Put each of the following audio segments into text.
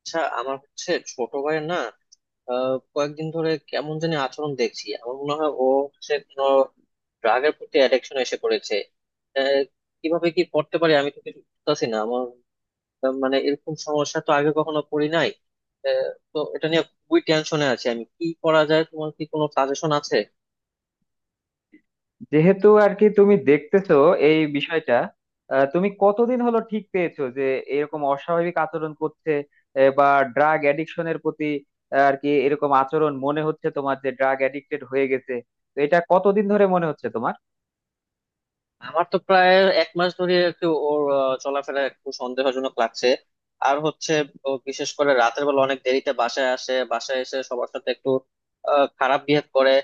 আচ্ছা আমার হচ্ছে ছোট ভাইয়ের না কয়েকদিন ধরে কেমন জানি আচরণ দেখছি আমার মনে হয় ও হচ্ছে কোনো ড্রাগের প্রতি অ্যাডিকশন এসে পড়েছে। আহ, কিভাবে কি করতে পারি আমি তো কিছু বুঝতেছি না আমার মানে এরকম সমস্যা তো আগে কখনো পড়ি নাই। তো এটা নিয়ে খুবই টেনশনে আছি আমি কি করা যায় তোমার কি কোনো সাজেশন আছে? যেহেতু আর কি তুমি দেখতেছো এই বিষয়টা, তুমি কতদিন হলো ঠিক পেয়েছো যে এরকম অস্বাভাবিক আচরণ করছে? বা ড্রাগ অ্যাডিকশনের প্রতি, আর কি এরকম আচরণ মনে হচ্ছে তোমার যে ড্রাগ অ্যাডিক্টেড হয়ে গেছে? তো এটা কতদিন ধরে মনে হচ্ছে তোমার? আমার তো প্রায় এক মাস ধরে একটু ওর চলাফেরা একটু সন্দেহজনক লাগছে আর হচ্ছে ও বিশেষ করে রাতের বেলা অনেক দেরিতে বাসায় আসে বাসায় এসে সবার সাথে একটু খারাপ বিহেভ করে।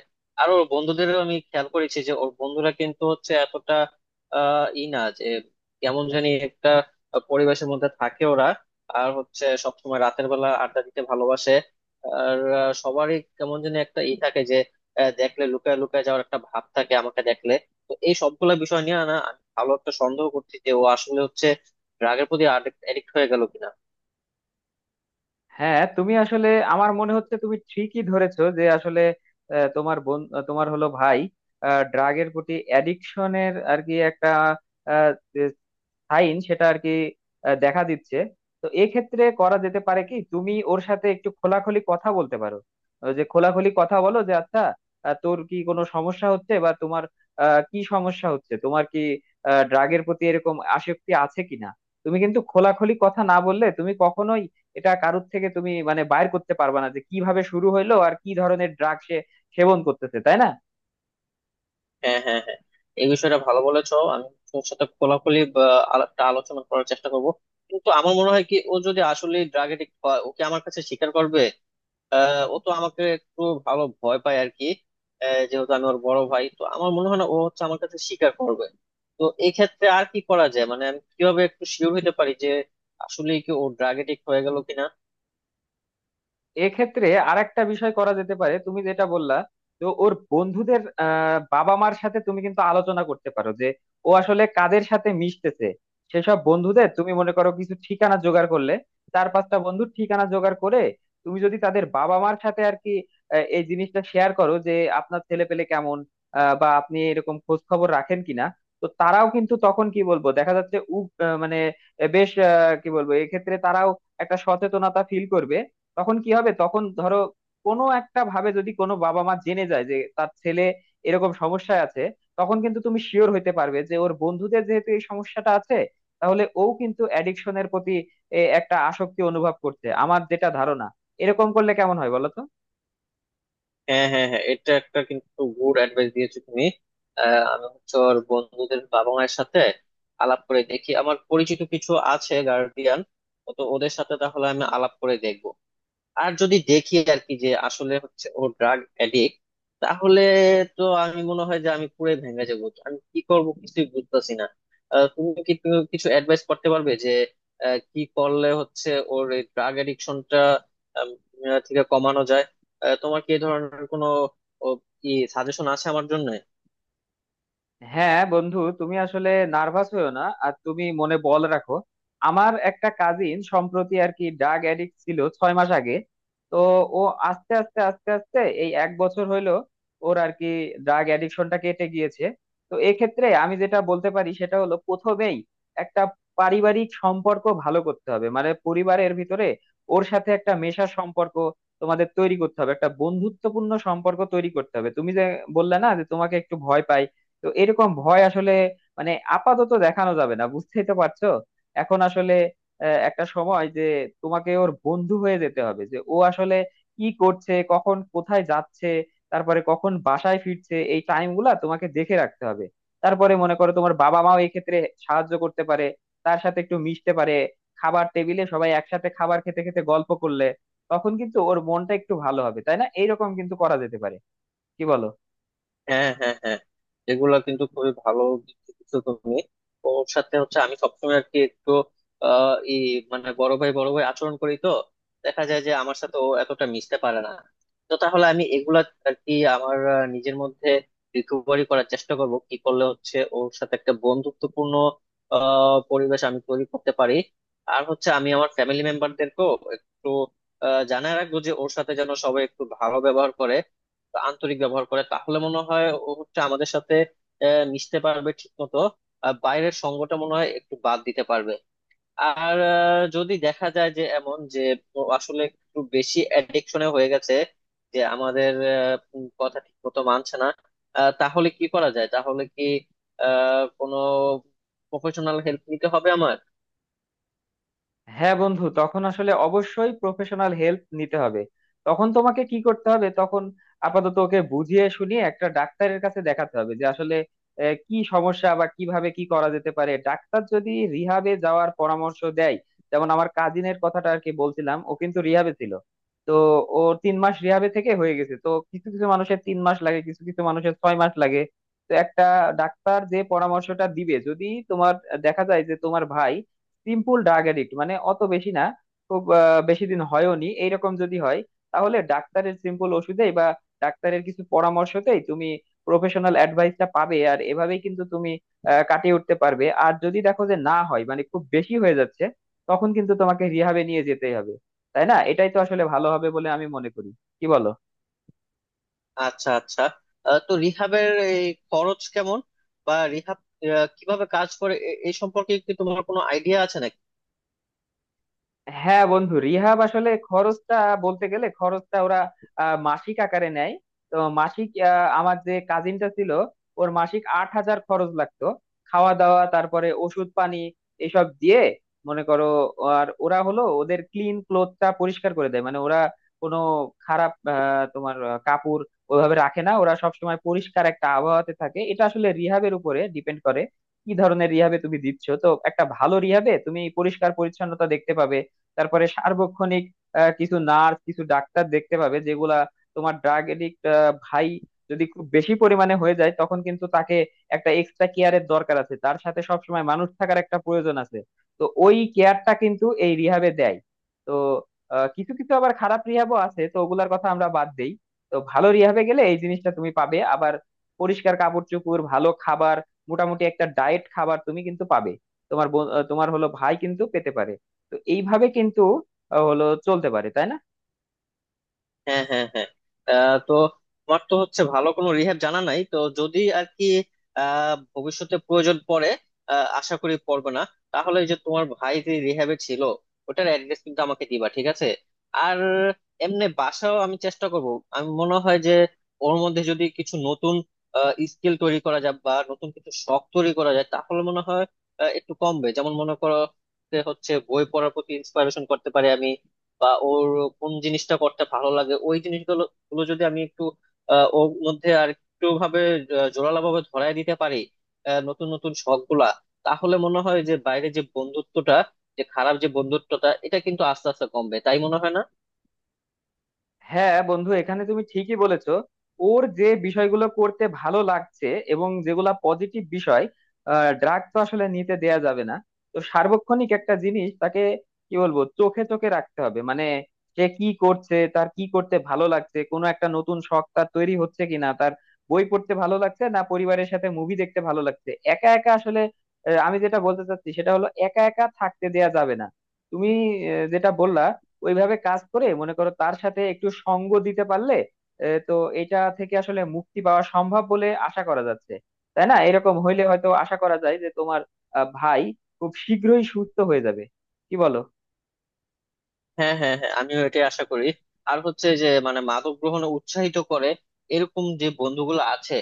আর ওর বন্ধুদেরও আমি খেয়াল করেছি যে ওর বন্ধুরা কিন্তু হচ্ছে এতটা আহ ই না যে কেমন জানি একটা পরিবেশের মধ্যে থাকে ওরা আর হচ্ছে সবসময় রাতের বেলা আড্ডা দিতে ভালোবাসে। আর সবারই কেমন জানি একটা ই থাকে যে দেখলে লুকায় লুকায় যাওয়ার একটা ভাব থাকে আমাকে দেখলে। তো এই সবগুলা বিষয় নিয়ে না আমি ভালো একটা সন্দেহ করছি যে ও আসলে হচ্ছে ড্রাগের প্রতি অ্যাডিক্ট হয়ে গেল কিনা। হ্যাঁ, তুমি আসলে, আমার মনে হচ্ছে তুমি ঠিকই ধরেছো যে আসলে আহ, তোমার বোন আহ, তোমার হলো ভাই ড্রাগের প্রতি অ্যাডিকশনের আর কি একটা সাইন, সেটা আর কি দেখা দিচ্ছে। তো এক্ষেত্রে করা যেতে পারে কি, তুমি ওর সাথে একটু খোলাখুলি কথা বলতে পারো। ওই যে খোলাখুলি কথা বলো যে আচ্ছা, তোর কি কোনো সমস্যা হচ্ছে বা তোমার কি সমস্যা হচ্ছে, তোমার কি ড্রাগের প্রতি এরকম আসক্তি আছে কিনা। তুমি কিন্তু খোলাখুলি কথা না বললে তুমি কখনোই এটা কারোর থেকে তুমি মানে বাইর করতে পারবা না যে কিভাবে শুরু হইলো আর কি ধরনের ড্রাগ সে সেবন করতেছে, তাই না? হ্যাঁ, হ্যাঁ, হ্যাঁ, এই বিষয়টা ভালো বলেছো আমি তোর সাথে খোলাখুলি বা আলাপটা আলোচনা করার চেষ্টা করব কিন্তু আমার মনে হয় কি ও যদি আসলে ড্রাগ এডিক্ট হয় ওকে আমার কাছে স্বীকার করবে। ও তো আমাকে একটু ভালো ভয় পায় আর কি। যেহেতু আমি ওর বড় ভাই তো আমার মনে হয় না ও হচ্ছে আমার কাছে স্বীকার করবে। তো এই ক্ষেত্রে আর কি করা যায় মানে আমি কিভাবে একটু শিওর হতে পারি যে আসলে কি ও ড্রাগ এডিক্ট হয়ে গেল কিনা? এক্ষেত্রে আরেকটা বিষয় করা যেতে পারে, তুমি যেটা বললা। তো ওর বন্ধুদের বাবা মার সাথে তুমি কিন্তু আলোচনা করতে পারো যে ও আসলে কাদের সাথে মিশতেছে। সেসব বন্ধুদের তুমি মনে করো কিছু ঠিকানা জোগাড় করলে, চার পাঁচটা বন্ধুর ঠিকানা জোগাড় করে তুমি যদি তাদের বাবা মার সাথে আর কি এই জিনিসটা শেয়ার করো যে আপনার ছেলে পেলে কেমন, বা আপনি এরকম খোঁজ খবর রাখেন কিনা। তো তারাও কিন্তু তখন কি বলবো, দেখা যাচ্ছে মানে বেশ কি বলবো, এক্ষেত্রে তারাও একটা সচেতনতা ফিল করবে। তখন কি হবে, তখন ধরো কোনো একটা ভাবে যদি কোনো বাবা মা জেনে যায় যে তার ছেলে এরকম সমস্যায় আছে, তখন কিন্তু তুমি শিওর হইতে পারবে যে ওর বন্ধুদের যেহেতু এই সমস্যাটা আছে, তাহলে ও কিন্তু অ্যাডিকশনের প্রতি একটা আসক্তি অনুভব করছে, আমার যেটা ধারণা। এরকম করলে কেমন হয় বলো তো? হ্যাঁ, হ্যাঁ, হ্যাঁ, এটা একটা কিন্তু গুড অ্যাডভাইস দিয়েছো তুমি। আমি হচ্ছে ওর বন্ধুদের বাবা মায়ের সাথে আলাপ করে দেখি আমার পরিচিত কিছু আছে গার্ডিয়ান তো ওদের সাথে তাহলে আমি আলাপ করে দেখবো। আর যদি দেখি আর কি যে আসলে হচ্ছে ও ড্রাগ অ্যাডিক্ট তাহলে তো আমি মনে হয় যে আমি পুরো ভেঙে যাবো তো আমি কি করব কিছুই বুঝতেছি না। তুমি কি তুমি কিছু অ্যাডভাইস করতে পারবে যে কি করলে হচ্ছে ওর এই ড্রাগ অ্যাডিকশনটা থেকে কমানো যায়? তোমার কি এই ধরনের কোনো ও, কি সাজেশন আছে আমার জন্য? হ্যাঁ বন্ধু, তুমি আসলে নার্ভাস হয়েও না, আর তুমি মনে বল রাখো। আমার একটা কাজিন সম্প্রতি আর কি ড্রাগ অ্যাডিক্ট ছিল 6 মাস আগে। তো ও আস্তে আস্তে আস্তে আস্তে এই 1 বছর হইলো ওর আর কি ড্রাগ অ্যাডিকশনটা কেটে গিয়েছে। তো এক্ষেত্রে আমি যেটা বলতে পারি সেটা হলো, প্রথমেই একটা পারিবারিক সম্পর্ক ভালো করতে হবে, মানে পরিবারের ভিতরে ওর সাথে একটা মেশার সম্পর্ক তোমাদের তৈরি করতে হবে, একটা বন্ধুত্বপূর্ণ সম্পর্ক তৈরি করতে হবে। তুমি যে বললে না যে তোমাকে একটু ভয় পাই, তো এরকম ভয় আসলে মানে আপাতত দেখানো যাবে না, বুঝতেই তো পারছো। এখন আসলে একটা সময় যে তোমাকে ওর বন্ধু হয়ে যেতে হবে যে ও আসলে কি করছে, কখন কোথায় যাচ্ছে, তারপরে কখন বাসায় ফিরছে, এই টাইম গুলা তোমাকে দেখে রাখতে হবে। তারপরে মনে করো তোমার বাবা মাও এই ক্ষেত্রে সাহায্য করতে পারে, তার সাথে একটু মিশতে পারে। খাবার টেবিলে সবাই একসাথে খাবার খেতে খেতে গল্প করলে তখন কিন্তু ওর মনটা একটু ভালো হবে, তাই না? এইরকম কিন্তু করা যেতে পারে, কি বলো? হ্যাঁ, হ্যাঁ, হ্যাঁ, এগুলা কিন্তু খুবই ভালো বুদ্ধি দিছো তুমি। ওর সাথে হচ্ছে আমি সবসময় আর কি একটু আহ ই মানে বড় ভাই বড় ভাই আচরণ করি তো দেখা যায় যে আমার সাথে ও এতটা মিশতে পারে না। তো তাহলে আমি এগুলা আর কি আমার নিজের মধ্যে রিকভারি করার চেষ্টা করব কি করলে হচ্ছে ওর সাথে একটা বন্ধুত্বপূর্ণ পরিবেশ আমি তৈরি করতে পারি। আর হচ্ছে আমি আমার ফ্যামিলি মেম্বারদেরকেও একটু জানায় রাখবো যে ওর সাথে যেন সবাই একটু ভালো ব্যবহার করে আন্তরিক ব্যবহার করে তাহলে মনে হয় ও হচ্ছে আমাদের সাথে মিশতে পারবে ঠিক মতো আর বাইরের সঙ্গটা মনে হয় একটু বাদ দিতে পারবে। আর যদি দেখা যায় যে এমন যে ও আসলে একটু বেশি অ্যাডিকশনে হয়ে গেছে যে আমাদের কথা ঠিক মতো মানছে না তাহলে কি করা যায় তাহলে কি কোনো প্রফেশনাল হেল্প নিতে হবে আমার? হ্যাঁ বন্ধু, তখন আসলে অবশ্যই প্রফেশনাল হেল্প নিতে হবে। তখন তোমাকে কি করতে হবে, তখন আপাতত ওকে বুঝিয়ে শুনিয়ে একটা ডাক্তারের কাছে দেখাতে হবে যে আসলে কি সমস্যা বা কিভাবে কি করা যেতে পারে। ডাক্তার যদি রিহাবে যাওয়ার পরামর্শ দেয়, যেমন আমার কাজিনের কথাটা আর কি বলছিলাম, ও কিন্তু রিহাবে ছিল। তো ও 3 মাস রিহাবে থেকে হয়ে গেছে। তো কিছু কিছু মানুষের 3 মাস লাগে, কিছু কিছু মানুষের 6 মাস লাগে। তো একটা ডাক্তার যে পরামর্শটা দিবে, যদি তোমার দেখা যায় যে তোমার ভাই সিম্পল ড্রাগ এডিক্ট, মানে অত বেশি না, খুব বেশি দিন হয়ওনি, এইরকম যদি হয়, তাহলে ডাক্তারের সিম্পল ওষুধেই বা ডাক্তারের কিছু পরামর্শতেই তুমি প্রফেশনাল অ্যাডভাইসটা পাবে, আর এভাবেই কিন্তু তুমি কাটিয়ে উঠতে পারবে। আর যদি দেখো যে না হয়, মানে খুব বেশি হয়ে যাচ্ছে, তখন কিন্তু তোমাকে রিহাবে নিয়ে যেতেই হবে, তাই না? এটাই তো আসলে ভালো হবে বলে আমি মনে করি, কি বলো? আচ্ছা, আচ্ছা, তো রিহাবের এই খরচ কেমন বা রিহাব কিভাবে কাজ করে এই সম্পর্কে কি তোমার কোনো আইডিয়া আছে নাকি? হ্যাঁ বন্ধু, রিহাব আসলে খরচটা, বলতে গেলে খরচটা ওরা মাসিক আকারে নেয়। তো মাসিক আমার যে কাজিনটা ছিল, ওর মাসিক 8,000 খরচ লাগতো, খাওয়া দাওয়া, তারপরে ওষুধ পানি, এসব দিয়ে, মনে করো। আর ওরা হলো ওদের ক্লিন ক্লোথটা পরিষ্কার করে দেয়, মানে ওরা কোনো খারাপ কাপড় ওইভাবে রাখে না, ওরা সবসময় পরিষ্কার একটা আবহাওয়াতে থাকে। এটা আসলে রিহাবের উপরে ডিপেন্ড করে কি ধরনের রিহাবে তুমি দিচ্ছ। তো একটা ভালো রিহাবে তুমি পরিষ্কার পরিচ্ছন্নতা দেখতে পাবে, তারপরে সার্বক্ষণিক কিছু নার্স কিছু ডাক্তার দেখতে পাবে, যেগুলা তোমার ড্রাগ এডিক্ট ভাই যদি খুব বেশি পরিমাণে হয়ে যায় তখন কিন্তু তাকে একটা এক্সট্রা কেয়ারের দরকার আছে, তার সাথে সবসময় মানুষ থাকার একটা প্রয়োজন আছে। তো ওই কেয়ারটা কিন্তু এই রিহাবে দেয়। তো কিছু কিছু আবার খারাপ রিহাবও আছে, তো ওগুলার কথা আমরা বাদ দেই। তো ভালো রিহাবে গেলে এই জিনিসটা তুমি পাবে। আবার পরিষ্কার কাপড় চোপড়, ভালো খাবার, মোটামুটি একটা ডায়েট খাবার তুমি কিন্তু পাবে। তোমার হলো ভাই কিন্তু পেতে পারে। তো এইভাবে কিন্তু হলো চলতে পারে, তাই না? হ্যাঁ, হ্যাঁ, হ্যাঁ, তো তোমার তো হচ্ছে ভালো কোনো রিহ্যাব জানা নাই তো যদি আর কি ভবিষ্যতে প্রয়োজন পড়ে আশা করি পড়বে না তাহলে ওই যে তোমার ভাই যে রিহ্যাবে ছিল ওটার অ্যাড্রেস কিন্তু আমাকে দিবা ঠিক আছে? আর এমনি বাসাও আমি চেষ্টা করব আমি মনে হয় যে ওর মধ্যে যদি কিছু নতুন স্কিল তৈরি করা যায় বা নতুন কিছু শখ তৈরি করা যায় তাহলে মনে হয় একটু কমবে যেমন মনে করো যে হচ্ছে বই পড়ার প্রতি ইন্সপায়ারেশন করতে পারি আমি বা ওর কোন জিনিসটা করতে ভালো লাগে ওই জিনিসগুলো গুলো যদি আমি একটু ওর মধ্যে আর একটু ভাবে জোরালো ভাবে ধরায় দিতে পারি নতুন নতুন শখ গুলা তাহলে মনে হয় যে বাইরে যে বন্ধুত্বটা যে খারাপ যে বন্ধুত্বটা এটা কিন্তু আস্তে আস্তে কমবে তাই মনে হয় না? হ্যাঁ বন্ধু, এখানে তুমি ঠিকই বলেছো। ওর যে বিষয়গুলো করতে ভালো লাগছে এবং যেগুলা পজিটিভ বিষয়, ড্রাগ তো আসলে নিতে দেয়া যাবে না। তো সার্বক্ষণিক একটা জিনিস, তাকে কি বলবো, চোখে চোখে রাখতে হবে, মানে সে কি করছে, তার কি করতে ভালো লাগছে, কোনো একটা নতুন শখ তার তৈরি হচ্ছে কিনা, তার বই পড়তে ভালো লাগছে না পরিবারের সাথে মুভি দেখতে ভালো লাগছে। একা একা আসলে আমি যেটা বলতে চাচ্ছি সেটা হলো একা একা থাকতে দেয়া যাবে না। তুমি যেটা বললা ওইভাবে কাজ করে মনে করো, তার সাথে একটু সঙ্গ দিতে পারলে তো এটা থেকে আসলে মুক্তি পাওয়া সম্ভব বলে আশা করা যাচ্ছে, তাই না? এরকম হইলে হয়তো আশা করা যায় যে তোমার ভাই খুব শীঘ্রই সুস্থ হয়ে যাবে, কি বলো? হ্যাঁ, হ্যাঁ, হ্যাঁ, আমিও এটাই আশা করি। আর হচ্ছে যে মানে মাদক গ্রহণে উৎসাহিত করে এরকম যে বন্ধুগুলো আছে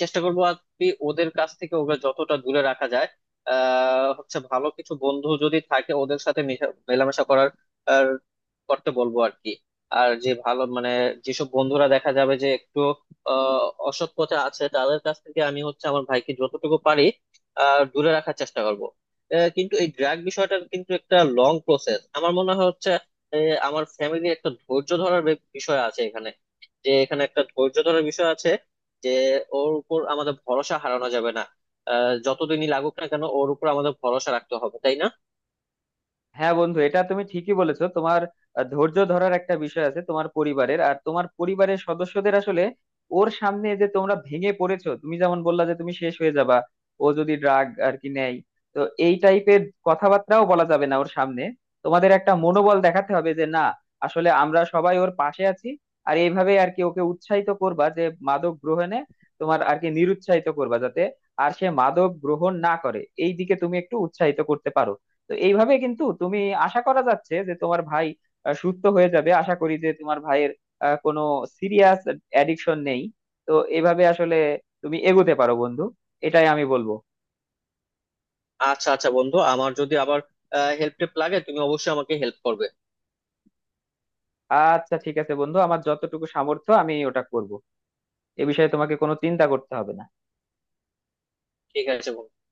চেষ্টা করবো আর কি ওদের কাছ থেকে ওকে যতটা দূরে রাখা যায়। হচ্ছে ভালো কিছু বন্ধু যদি থাকে ওদের সাথে মেলামেশা করার আর করতে বলবো আর কি। আর যে ভালো মানে যেসব বন্ধুরা দেখা যাবে যে একটু অসৎ পথে আছে তাদের কাছ থেকে আমি হচ্ছে আমার ভাইকে যতটুকু পারি দূরে রাখার চেষ্টা করবো। কিন্তু এই ড্রাগ বিষয়টা কিন্তু একটা লং প্রসেস আমার মনে হয় হচ্ছে আহ, আমার ফ্যামিলির একটা ধৈর্য ধরার বিষয় আছে এখানে যে এখানে একটা ধৈর্য ধরার বিষয় আছে যে ওর উপর আমাদের ভরসা হারানো যাবে না। যতদিনই লাগুক না কেন ওর উপর আমাদের ভরসা রাখতে হবে তাই না? হ্যাঁ বন্ধু, এটা তুমি ঠিকই বলেছো। তোমার ধৈর্য ধরার একটা বিষয় আছে, তোমার পরিবারের আর তোমার পরিবারের সদস্যদের। আসলে ওর সামনে যে তোমরা ভেঙে পড়েছো, তুমি যেমন বললা যে তুমি শেষ হয়ে যাবা ও যদি ড্রাগ আর কি নেয়, তো এই টাইপের কথাবার্তাও বলা যাবে না ওর সামনে। তোমাদের একটা মনোবল দেখাতে হবে যে না, আসলে আমরা সবাই ওর পাশে আছি। আর এইভাবে আর কি ওকে উৎসাহিত করবা যে মাদক গ্রহণে তোমার আর কি নিরুৎসাহিত করবা, যাতে আর সে মাদক গ্রহণ না করে, এই দিকে তুমি একটু উৎসাহিত করতে পারো। তো এইভাবে কিন্তু তুমি, আশা করা যাচ্ছে যে তোমার ভাই সুস্থ হয়ে যাবে। আশা করি যে তোমার ভাইয়ের কোনো সিরিয়াস অ্যাডিকশন নেই। তো এইভাবে আসলে তুমি এগোতে পারো বন্ধু, এটাই আমি বলবো। আচ্ছা, আচ্ছা বন্ধু আমার যদি আবার হেল্প টেল্প লাগে তুমি অবশ্যই আমাকে হেল্প করবে। আচ্ছা ঠিক আছে বন্ধু, আমার যতটুকু সামর্থ্য আমি ওটা করব। এ বিষয়ে তোমাকে কোনো চিন্তা করতে হবে না। ঠিক আছে বন্ধু।